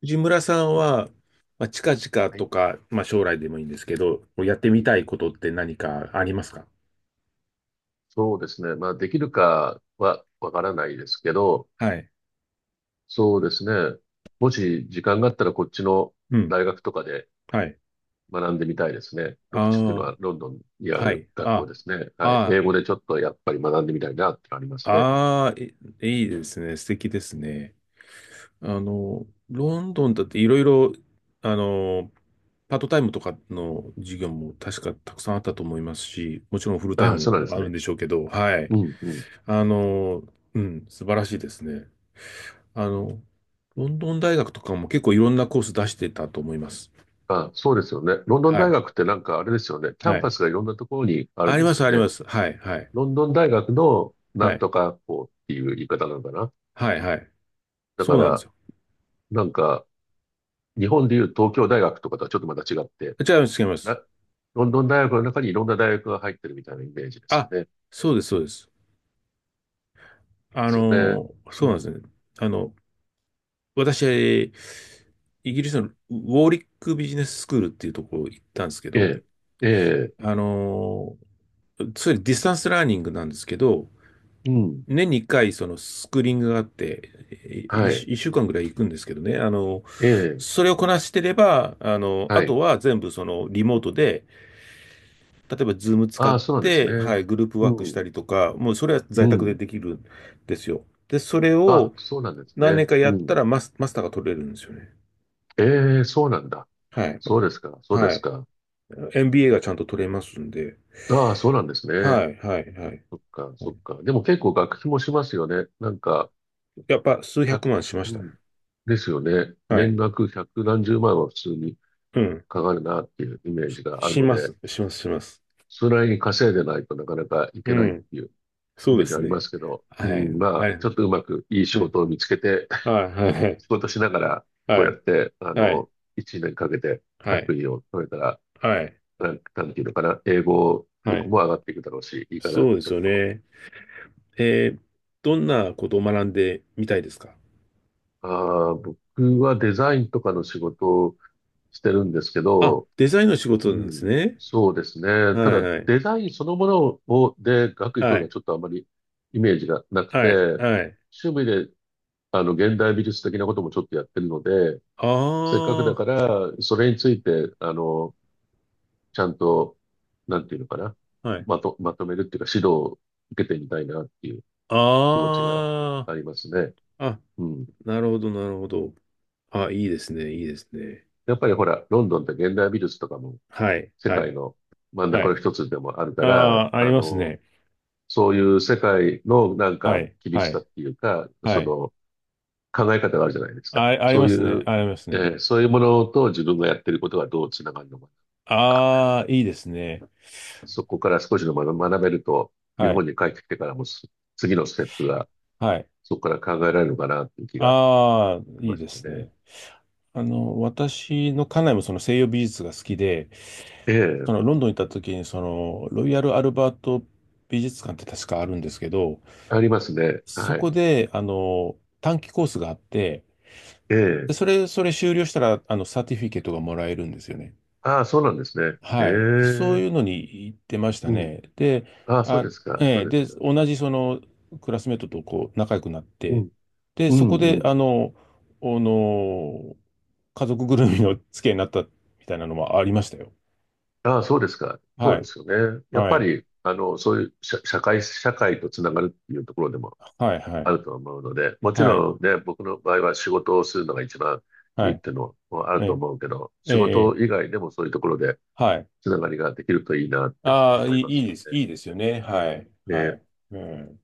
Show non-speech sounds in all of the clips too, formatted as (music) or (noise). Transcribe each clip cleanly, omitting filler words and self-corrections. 藤村さんは、まあ、近々はとい。か、まあ、将来でもいいんですけど、やってうみん、たいことって何かありますか？そうですね。まあ、できるかはわからないですけど、はい。そうですね。もし時間があったらこっちのうん。大学とかではい。学んでみたいですね。あロクチっていうのはロンドンにああ、はるい。学校あ、ですね。はい。英あ、語でちょっとやっぱり学んでみたいなってのありますね。ああ、いいですね。素敵ですね。ロンドンだっていろいろ、あの、パートタイムとかの授業も確かたくさんあったと思いますし、もちろんフルタイああ、そうなんムでもすあるね。んでしょうけど、はい。うん、うん。あの、うん、素晴らしいですね。あの、ロンドン大学とかも結構いろんなコース出してたと思います。ああ、そうですよね。ロンドンは大い。学ってなんかあれですよね。キャはンパい。スがいろんなところにあるあんりでますす、よありね。ます。はい、はい。ロンドン大学のなはんい。とか校っていう言い方なのかな。はい、はい。だそかうなんですら、よ。なんか、日本でいう東京大学とかとはちょっとまた違って、違います、違いまな、す。ロンドン大学の中にいろんな大学が入ってるみたいなイメージですあ、よね。でそうです、そうです。すよね。うそうなんですん。ね。あの、私、イギリスのウォーリックビジネススクールっていうところ行ったんですけど、ええ。えあの、それディスタンスラーニングなんですけど、え。うん。年に1回、そのスクリーニングがあって、いはい。一週間ぐらい行くんですけどね、ええ。それをこなしてれば、あはとい。は全部そのリモートで、例えばズーム使っああ、そうなんですて、はね。い、グループうワークしたん。りとか、もうそれはう在宅でん。できるんですよ。で、それをあ、そうなんです何年ね。かやうったん。らマスターが取れるんですよね。ええ、そうなんだ。はい。そうですか。そうではすい。か。MBA がちゃんと取れますんで。ああ、そうなんですね。はい、はい、はい。そっか、そっか。でも結構学費もしますよね。なんか、やっぱ数1、百万しましうたね。ん。ですよね。はい。年額百何十万は普通にうん。かかるなっていうイメーしジがあるしのまで、す、します、します。それなりに稼いでないとなかなかいうけないっん。ていうイそうメでージあすりまね。すけど、うはい。ん、まはあ、ちょい。っとうまくいいう仕ん。事を見つけて、(laughs) はい、はい、仕事しながら、こはうやっい、て、あはい、の、1年かけては学い、位を取れたら、はい、なんていうのかな、英語は力い。も上がっていくだろうし、いいかなっそうてでちょすっよと。ね。えー、どんなことを学んでみたいですか？ああ、僕はデザインとかの仕事をしてるんですけあ、ど、デザインの仕う事なんですん。ね。そうですね。はたい、だ、はい、デザインそのものを、で、学位取はるのはい、ちょっとあまりイメージがなくはい、て、はい。趣味で、あの、現代美術的なこともちょっとやってるので、あせっかくだから、それについて、あの、ちゃんと、なんていうのかな。あ、はい。まとめるっていうか、指導を受けてみたいなっていう気持ちがあありますね。あ、あ、うん。なるほど、なるほど。あ、いいですね、いいですね。やっぱりほら、ロンドンって現代美術とかもはい、世はい、界の真んは中のい。一つでもあるあから、あ、ありあますの、ね。そういう世界のなんはかい、厳はしさい、っていうか、はそい。の考え方があるじゃないですあ、か。ありそまういすね、う、ありますね。そういうものと自分がやってることがどうつながるのかなのか、ああ、いいですね。そこから少し学べると、日は本い。に帰ってきてからも次のステップがはい。そこから考えられるのかなっていう気がああ、しいいましでたすね。ね。私の家内もその西洋美術が好きで、ええ、そのロンドンに行った時に、その、ロイヤル・アルバート美術館って確かあるんですけど、ありますね。そはこい。で、短期コースがあって、えで、え、それ修了したら、サーティフィケートがもらえるんですよね。ああ、そうなんですね。えはい。そえ、ういうのに行ってましたうん。ね。で、ああ、そうあ、ですか、えそうえ、ですで、か。同じそのクラスメートとこう仲良くなっうて、ん、で、うそこん、うで、ん。あの、家族ぐるみの付き合いになったみたいなのもありましたよ。ああ、そうですか。そはうでい。すよね。やっはぱい。り、あの、そういう社会とつながるっていうところでもはい。はあい。ると思うので、もちはい。ろんね、僕の場合は仕事をするのが一番いはいっい。ていうのもあえるとえ、思うけど、ええ、仕事え以え外でもそういうところではい。つながりができるといいなってああ、思いいまい、いすいよです。いいですよね。はい。ね。はで、い。うん。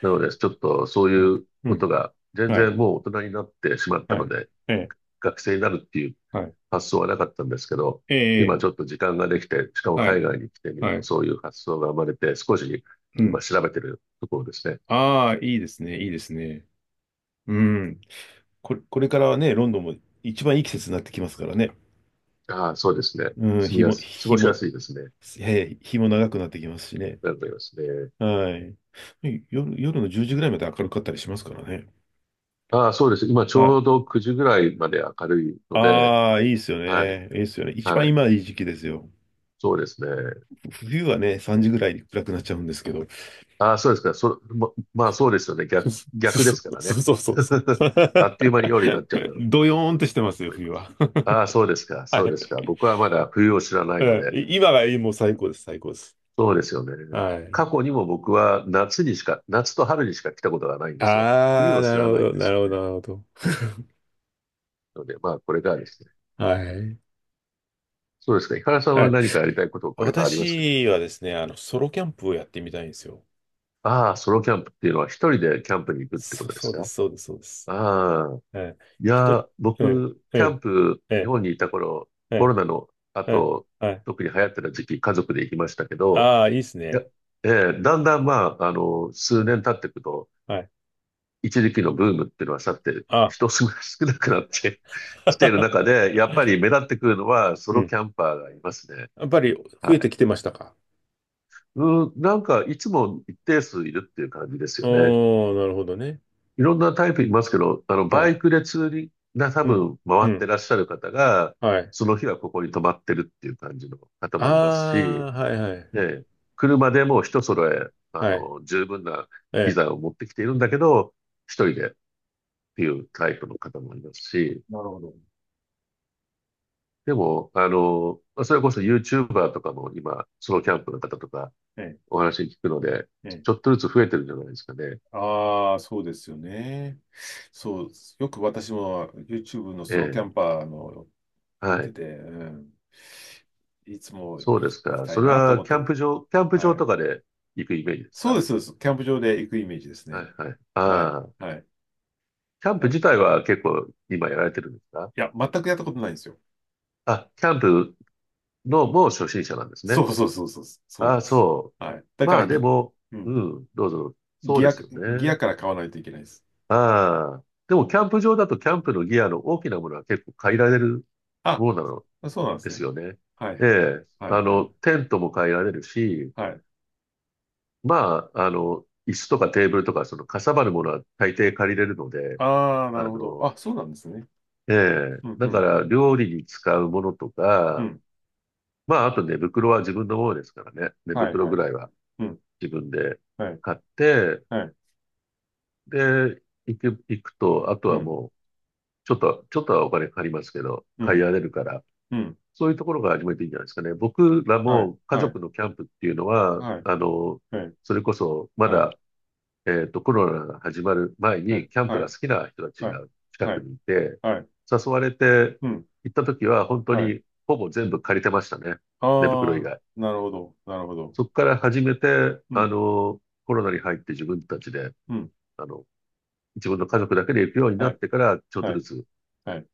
なので、ちょっとそううん。いううこんとが全はい。然もう大人になってしまったはのい。で、ええ、学生になるっていうはい。発想はなかったんですけど、え今え、ええちょっと時間ができて、しかもは海い。外に来てみるはと、い。そういう発想が生まれて、少しう今ん。調べてるところですね。ああ、いいですね、いいですね。うん。これからはね、ロンドンも一番いい季節になってきますからね。ああ、そうですね。うん、住み日やも、す、過日ごしも、やすいですね。えー日も長くなってきますしね。なると思いますね。はい。夜の10時ぐらいまで明るかったりしますからね。ああ、そうです。今ちはょい。うど9時ぐらいまで明るいので、ああ、いいですよはい、ね。いいですよね。一番はい。今いい時期ですよ。そうですね。冬はね、3時ぐらいに暗くなっちゃうんですけど。(laughs) ああ、そうですか。まあそうですよね。逆、そ逆ですかうらそね。うそうそうそ (laughs) あう。っという間に夜になっちゃうんだ (laughs) ろうとドヨーンとしてますよ、思い冬ます。は。ああ、そうですか。(laughs) はそうですか。い。僕はまだ冬を知らないのうん、で、今がもう最高です、最高です。そうですよね。はい。過去にも僕は夏にしか、夏と春にしか来たことがないんですよ。冬ああ、をな知るらほないんど、でなするよほね。ど、なるほど。うん。(laughs) ので、まあ、これからですね。はい。そうですか。井原さんははい。何かやりたいことこれからありますか？私はですね、ソロキャンプをやってみたいんですよ。ああ、ソロキャンプっていうのは一人でキャンプに行くってこ(laughs) とでそすうでか？す、そうです、そうです。ああ、えい。いや、うん、僕、うキャん、ンプ、え日え本にいた頃、えコロえナのええ後、はい。特に流行ってた時期、家族で行きましたけど、ああ、いいですいや、ね。えだんだんまあ、あの、う数ん、年経っていくと、はい。一時期のブームっていうのは去って、あ 人少なくなってき (laughs) ている中 (laughs) で、やっぱり目立ってくるのはソうロん。キャンパーがいますね。やっぱり増えはてい。きてましたか？ (laughs) うん、なんかいつも一定数いるっていう感じですあよね。ー、なるほどね。いろんなタイプいますけど、あの、はバい。イクでツーリングな多うん、分う回ってん、らっしゃる方が、はい。その日はここに泊まってるっていう感じの方あもいますし、あ、はい、はい、ね、車でもう一揃え、あはい。の、十分なえ機え。材を持ってきているんだけど、一人でっていうタイプの方もいますし、なるほど。でも、あの、まあそれこそ YouTuber とかも今、ソロキャンプの方とかええ、お話聞くので、えちえょっとずつ増えてるんじゃないですかね。ああ、そうですよね。そう、よく私も YouTube のえソロキャえ、ンパーの見はてい。て、うん、いつも行そうできす行きか。たそいれなとは思っキャて、ンプ場、キャンプは場とい。かで行くイメージですそうでか？す、そうです。キャンプ場で行くイメージですはね。いはい。はい、ああ、はい。キャンあ、プい自体は結構今やられてるんですか？や、全くやったことないんですよ。あ、キャンプのもう初心者なんですそね。うそうそうそう、そうなあんあ、です。そう。はい。だかまらあでも、うん、うん、どうぞ。そうギでア、すよギアね。から買わないといけないです。ああ。でも、キャンプ場だと、キャンプのギアの大きなものは結構変えられるあ、そうなのそうなんですですね。よね。はい、えはい。え。はい、あはの、い。テントも変えられるし、はい。まあ、あの、椅子とかテーブルとか、その、かさばるものは大抵借りれるので、ああ、なあるほど。の、あ、そうなんですね。ええ。うん、うだかん、うら、ん。料理に使うものとうか、んまあ、あと寝袋は自分のものですからね。寝はい袋はぐい。らいはうん。自分ではい。買って、はい。で、行くと、あとうはん。もう、ちょっとはお金かかりますけど、う買いん。られるから、うん。そういうところが始めていいんじゃないですかね。僕らはい。も家はい。族のキャンプっていうのは、はい。あの、はい。それこそまはい。だ、えっと、コロナが始まる前はい。にキャンプはがい。好きな人たちはい。が近はくい。にいて、はい。誘われてうん。行った時は本当はい。にほぼ全部借りてましたね。あ寝袋以あ、外。なるほど。なるほど。そこから始めて、うあん。の、コロナに入って自分たちで、うん。あの、自分の家族だけで行くようになはっい。てから、ちょっとはずい。つはい。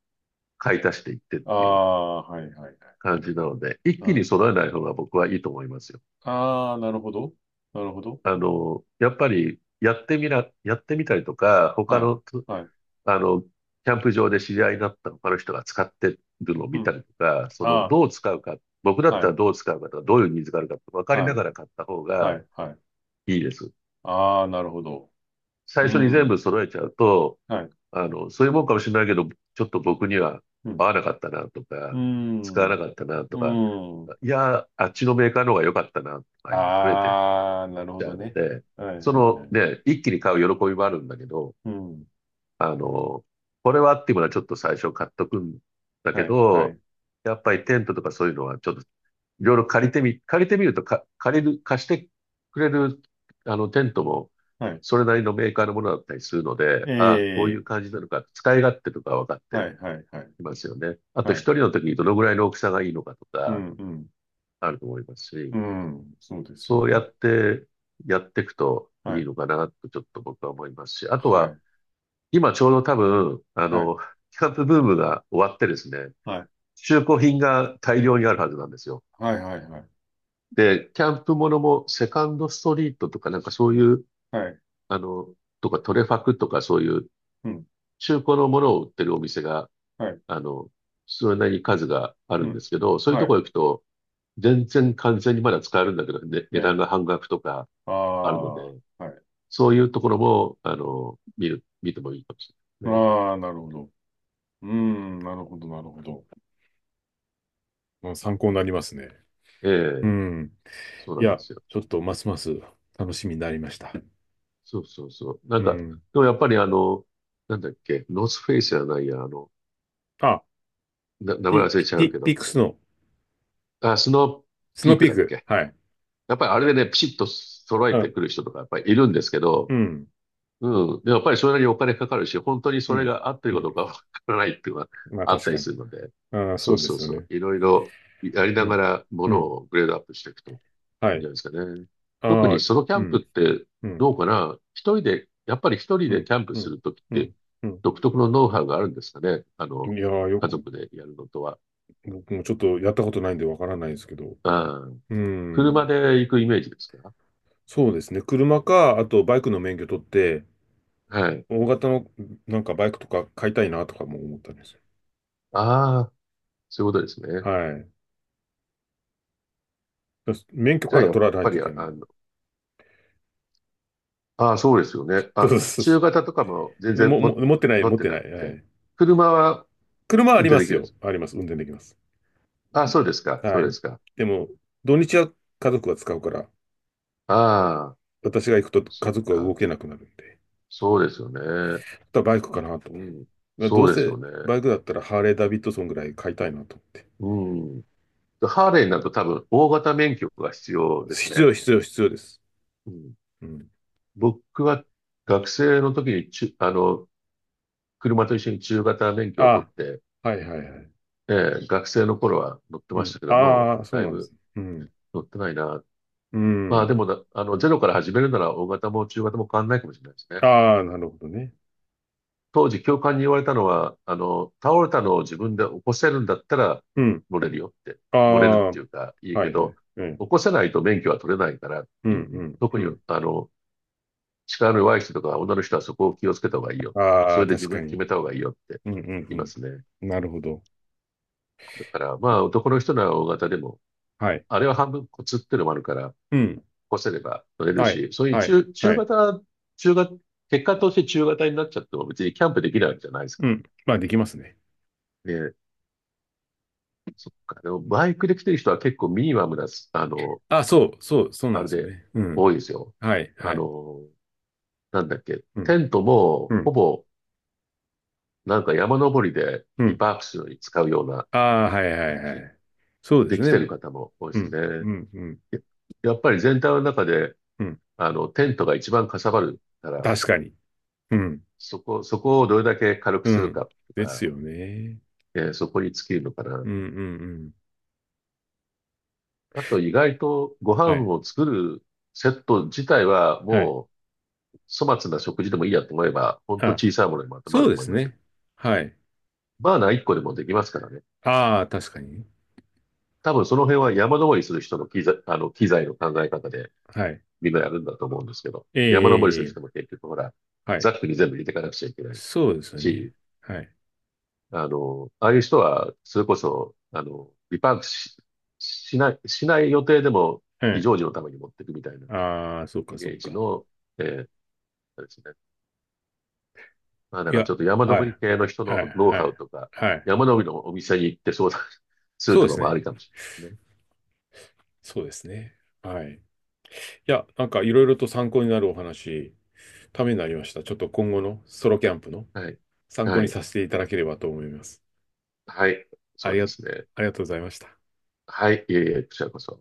買い足していってっあていうあ、はい。はい。感じなので、一う気にん。揃えない方が僕はいいと思いますよ。ああ、なるほど。なるほど。あの、やっぱりやってみたりとか、他はい。のつ、はい。あの、キ、ャンプ場で知り合いになった他の人が使ってるのをう見ん。たりとか、その、あどう使うか、僕だあ、っはたらい。どう使うかとか、どういうニーズがあるかって分かりはない。がら買った方はがい。はい。いいです。ああ、なるほど。最う初に全ん。部揃えちゃうと、はい。そういうもんかもしれないけど、ちょっと僕にはうん。合わなかったなとうか、使わん。なかったなとうか、ん。いや、あっちのメーカーの方が良かったなとかいうの増えてっああ、なるほちゃどうのね。で、はいそはいはのい。ね、一気に買う喜びもあるんだけど、うん。あの、これはっていうものはちょっと最初買っとくんだけはいはど、いやっぱりテントとかそういうのはちょっといろいろ借りてみるとか、借りる、貸してくれるあのテントもはい。それなりのメーカーのものだったりするので、えああ、こういうえ、感じなのか、使い勝手とか分かっはていはいはい。きますよね。あとは一い。人の時にどのぐらいの大きさがいいのかとうんかうん。あると思いますし、うん。そうですよそうやね。ってやっていくとはいいい。のかなとちょっと僕は思いますし、あとははい。今ちょうど多分、はい。キャンプブームが終わってですね、はい。中古品が大量にあるはずなんですよ。はいはいはい。で、キャンプものもセカンドストリートとかなんかそういう、はい。あの、とかトレファクとかそういううん。中古のものを売ってるお店が、はい。あの、それなりに数があうるんでん。すけど、そういうはとい。こ行くと、全然完全にまだ使えるんだけど、ね、え値段え。が半額とかああるので、あ。はい。そういうところも、見てもいいかもしれないですああ、なるほど。うん。なるほど、なるほど。まあ、参考になりますね。ね。えうえ、ん。そうないんでや、すよ。ちょっとますます楽しみになりました。そうそうそう。なうんか、でん。もやっぱりなんだっけ、ノースフェイスじゃないや、あ、名前ピ、忘れピ、ちゃピ、うけピッど、クスのあ、スノースピノーーピクーだっク。け。はい。やっぱりあれでね、ピシッと揃えあ、てくる人とかやっぱりいるんですけうど、ん、うん。でもやっぱりそれなりにお金かかるし、本当にうそれん、が合ってるうかん。どうかわからないっていうのがまああっ確たかりに。するので、ああ、そそううでそうすよそう。ね。いろいろやりうながん、らもうのん、をグレードアップしていくといはいんじい。ゃないですかね。特ああ、にソロキャうンプっん、てうどん、うかな一人で、やっぱり一人うでん、キャンプうすん、るときっうてん、う独特のノウハウがあるんですかねん。いやー、よ家く、族でやるのとは。僕もちょっとやったことないんでわからないですけど。ああ、うん、車で行くイメージですか？そうですね。車か、あとバイクの免許取って、はい。大型のなんかバイクとか買いたいなとかも思ったんですよ。ああ、そういうことですね。はい。免許じゃかあらやっ取らないぱといり、けない。ああ、そうですよね。(laughs) そあ、うそうそ中型とかも全う。然も、もも持ってない、持っ持っててななくい。はて、い。車は車はあ運りま転できするんでよ。す。あります。運転できます。ああ、そうですか。そはうでい。すか。でも、土日は家族が使うから、ああ、私が行くとそ家っ族は動か。けなくなるんで、そうですよね。あとはバイクかなと。うん。まあどそううですよせね。バイクだったらハーレー・ダビッドソンぐらい買いたいなと思って。うん。ハーレーになると多分大型免許が必要です必ね。要、必要、必要です。うん。うん。僕は学生の時に中、あの、車と一緒に中型免許を取っあて、あ、はいはいはい。学生の頃は乗ってうましん。たけども、ああ、そうだいなんでぶす。うん。乗ってないな。うまあん。でもだ、あの、ゼロから始めるなら大型も中型も変わんないかもしれないですね。ああ、なるほどね。当時教官に言われたのは、倒れたのを自分で起こせるんだったらうん。乗れるよって、あ乗れるっあ、はていいうかいいはけい。ど、うん。起こせないと免許は取れないからっうていうん、ふううに、ん、特うにん。力の弱い人とか女の人はそこを気をつけた方がいいよ。あそあ、れで確自か分決に。めた方がいいよってうん、う言いまん、すね。うん。なるほど。だからまあ男の人なら大型でも、はい。あれは半分コツっていうのもあるから、起うん。こせれば乗れるはい。し、そういうはい。中、中はい。型、中型、結果として中型になっちゃっても別にキャンプできないわけじゃないですかうん。まあ、できますね。らね。そっか。でも、バイクで来てる人は結構ミニマムなす、あの、あ、そう、そう、そうなんあでれすよでね。うん。多いですよ。はい、はあい。の、なんだっけ。うん、テントも、うほん、ぼ、なんか山登りでうビん。パークするのに使うようなああ、はい、は感い、はじい。そうでです来ね。うてる方も多いですん、ね。うん、うん、ややっぱり全体の中で、うん。テントが一番かさばるから、確かに。うん、そこをどれだけ軽くうするん。かとですか、よね。そこに尽きるのかな。うん、うん、うん。あと、意外とご飯はい、を作るセット自体ははい。も粗末な食事でもいいやと思えば、ほんとあ、小さいものにまとまそうるとで思いすますよ。ね。はい。バーナー1個でもできますからね。ああ、確かに。多分その辺は山登りする人の機材の考え方ではい。みんなやるんだと思うんですけど、ええ、山登りすえるえ、え人もえ結局ほら、はザい。ックに全部入れていかなくちゃいけないそうですよし、ね。はい。ああいう人は、それこそ、あの、リパークし、しない、しない予定でもう非ん。常時のために持っていくみたいなああ、そっイか、そメっージか。の、えーですねまあないんかや、ちょっと山は登りい。系の人はい、のノウはハい、ウとか、はい。山登りのお店に行って相談 (laughs) すそるうでとかすもありね。かもしれないでそうですね。はい。いや、なんかいろいろと参考になるお話、ためになりました。ちょっと今後のソロキャンプのすね。はい。参考はにい。させていただければと思います。はい。あそうりが、ですね。ありがとうございました。はい。いえいえ、こちらこそ。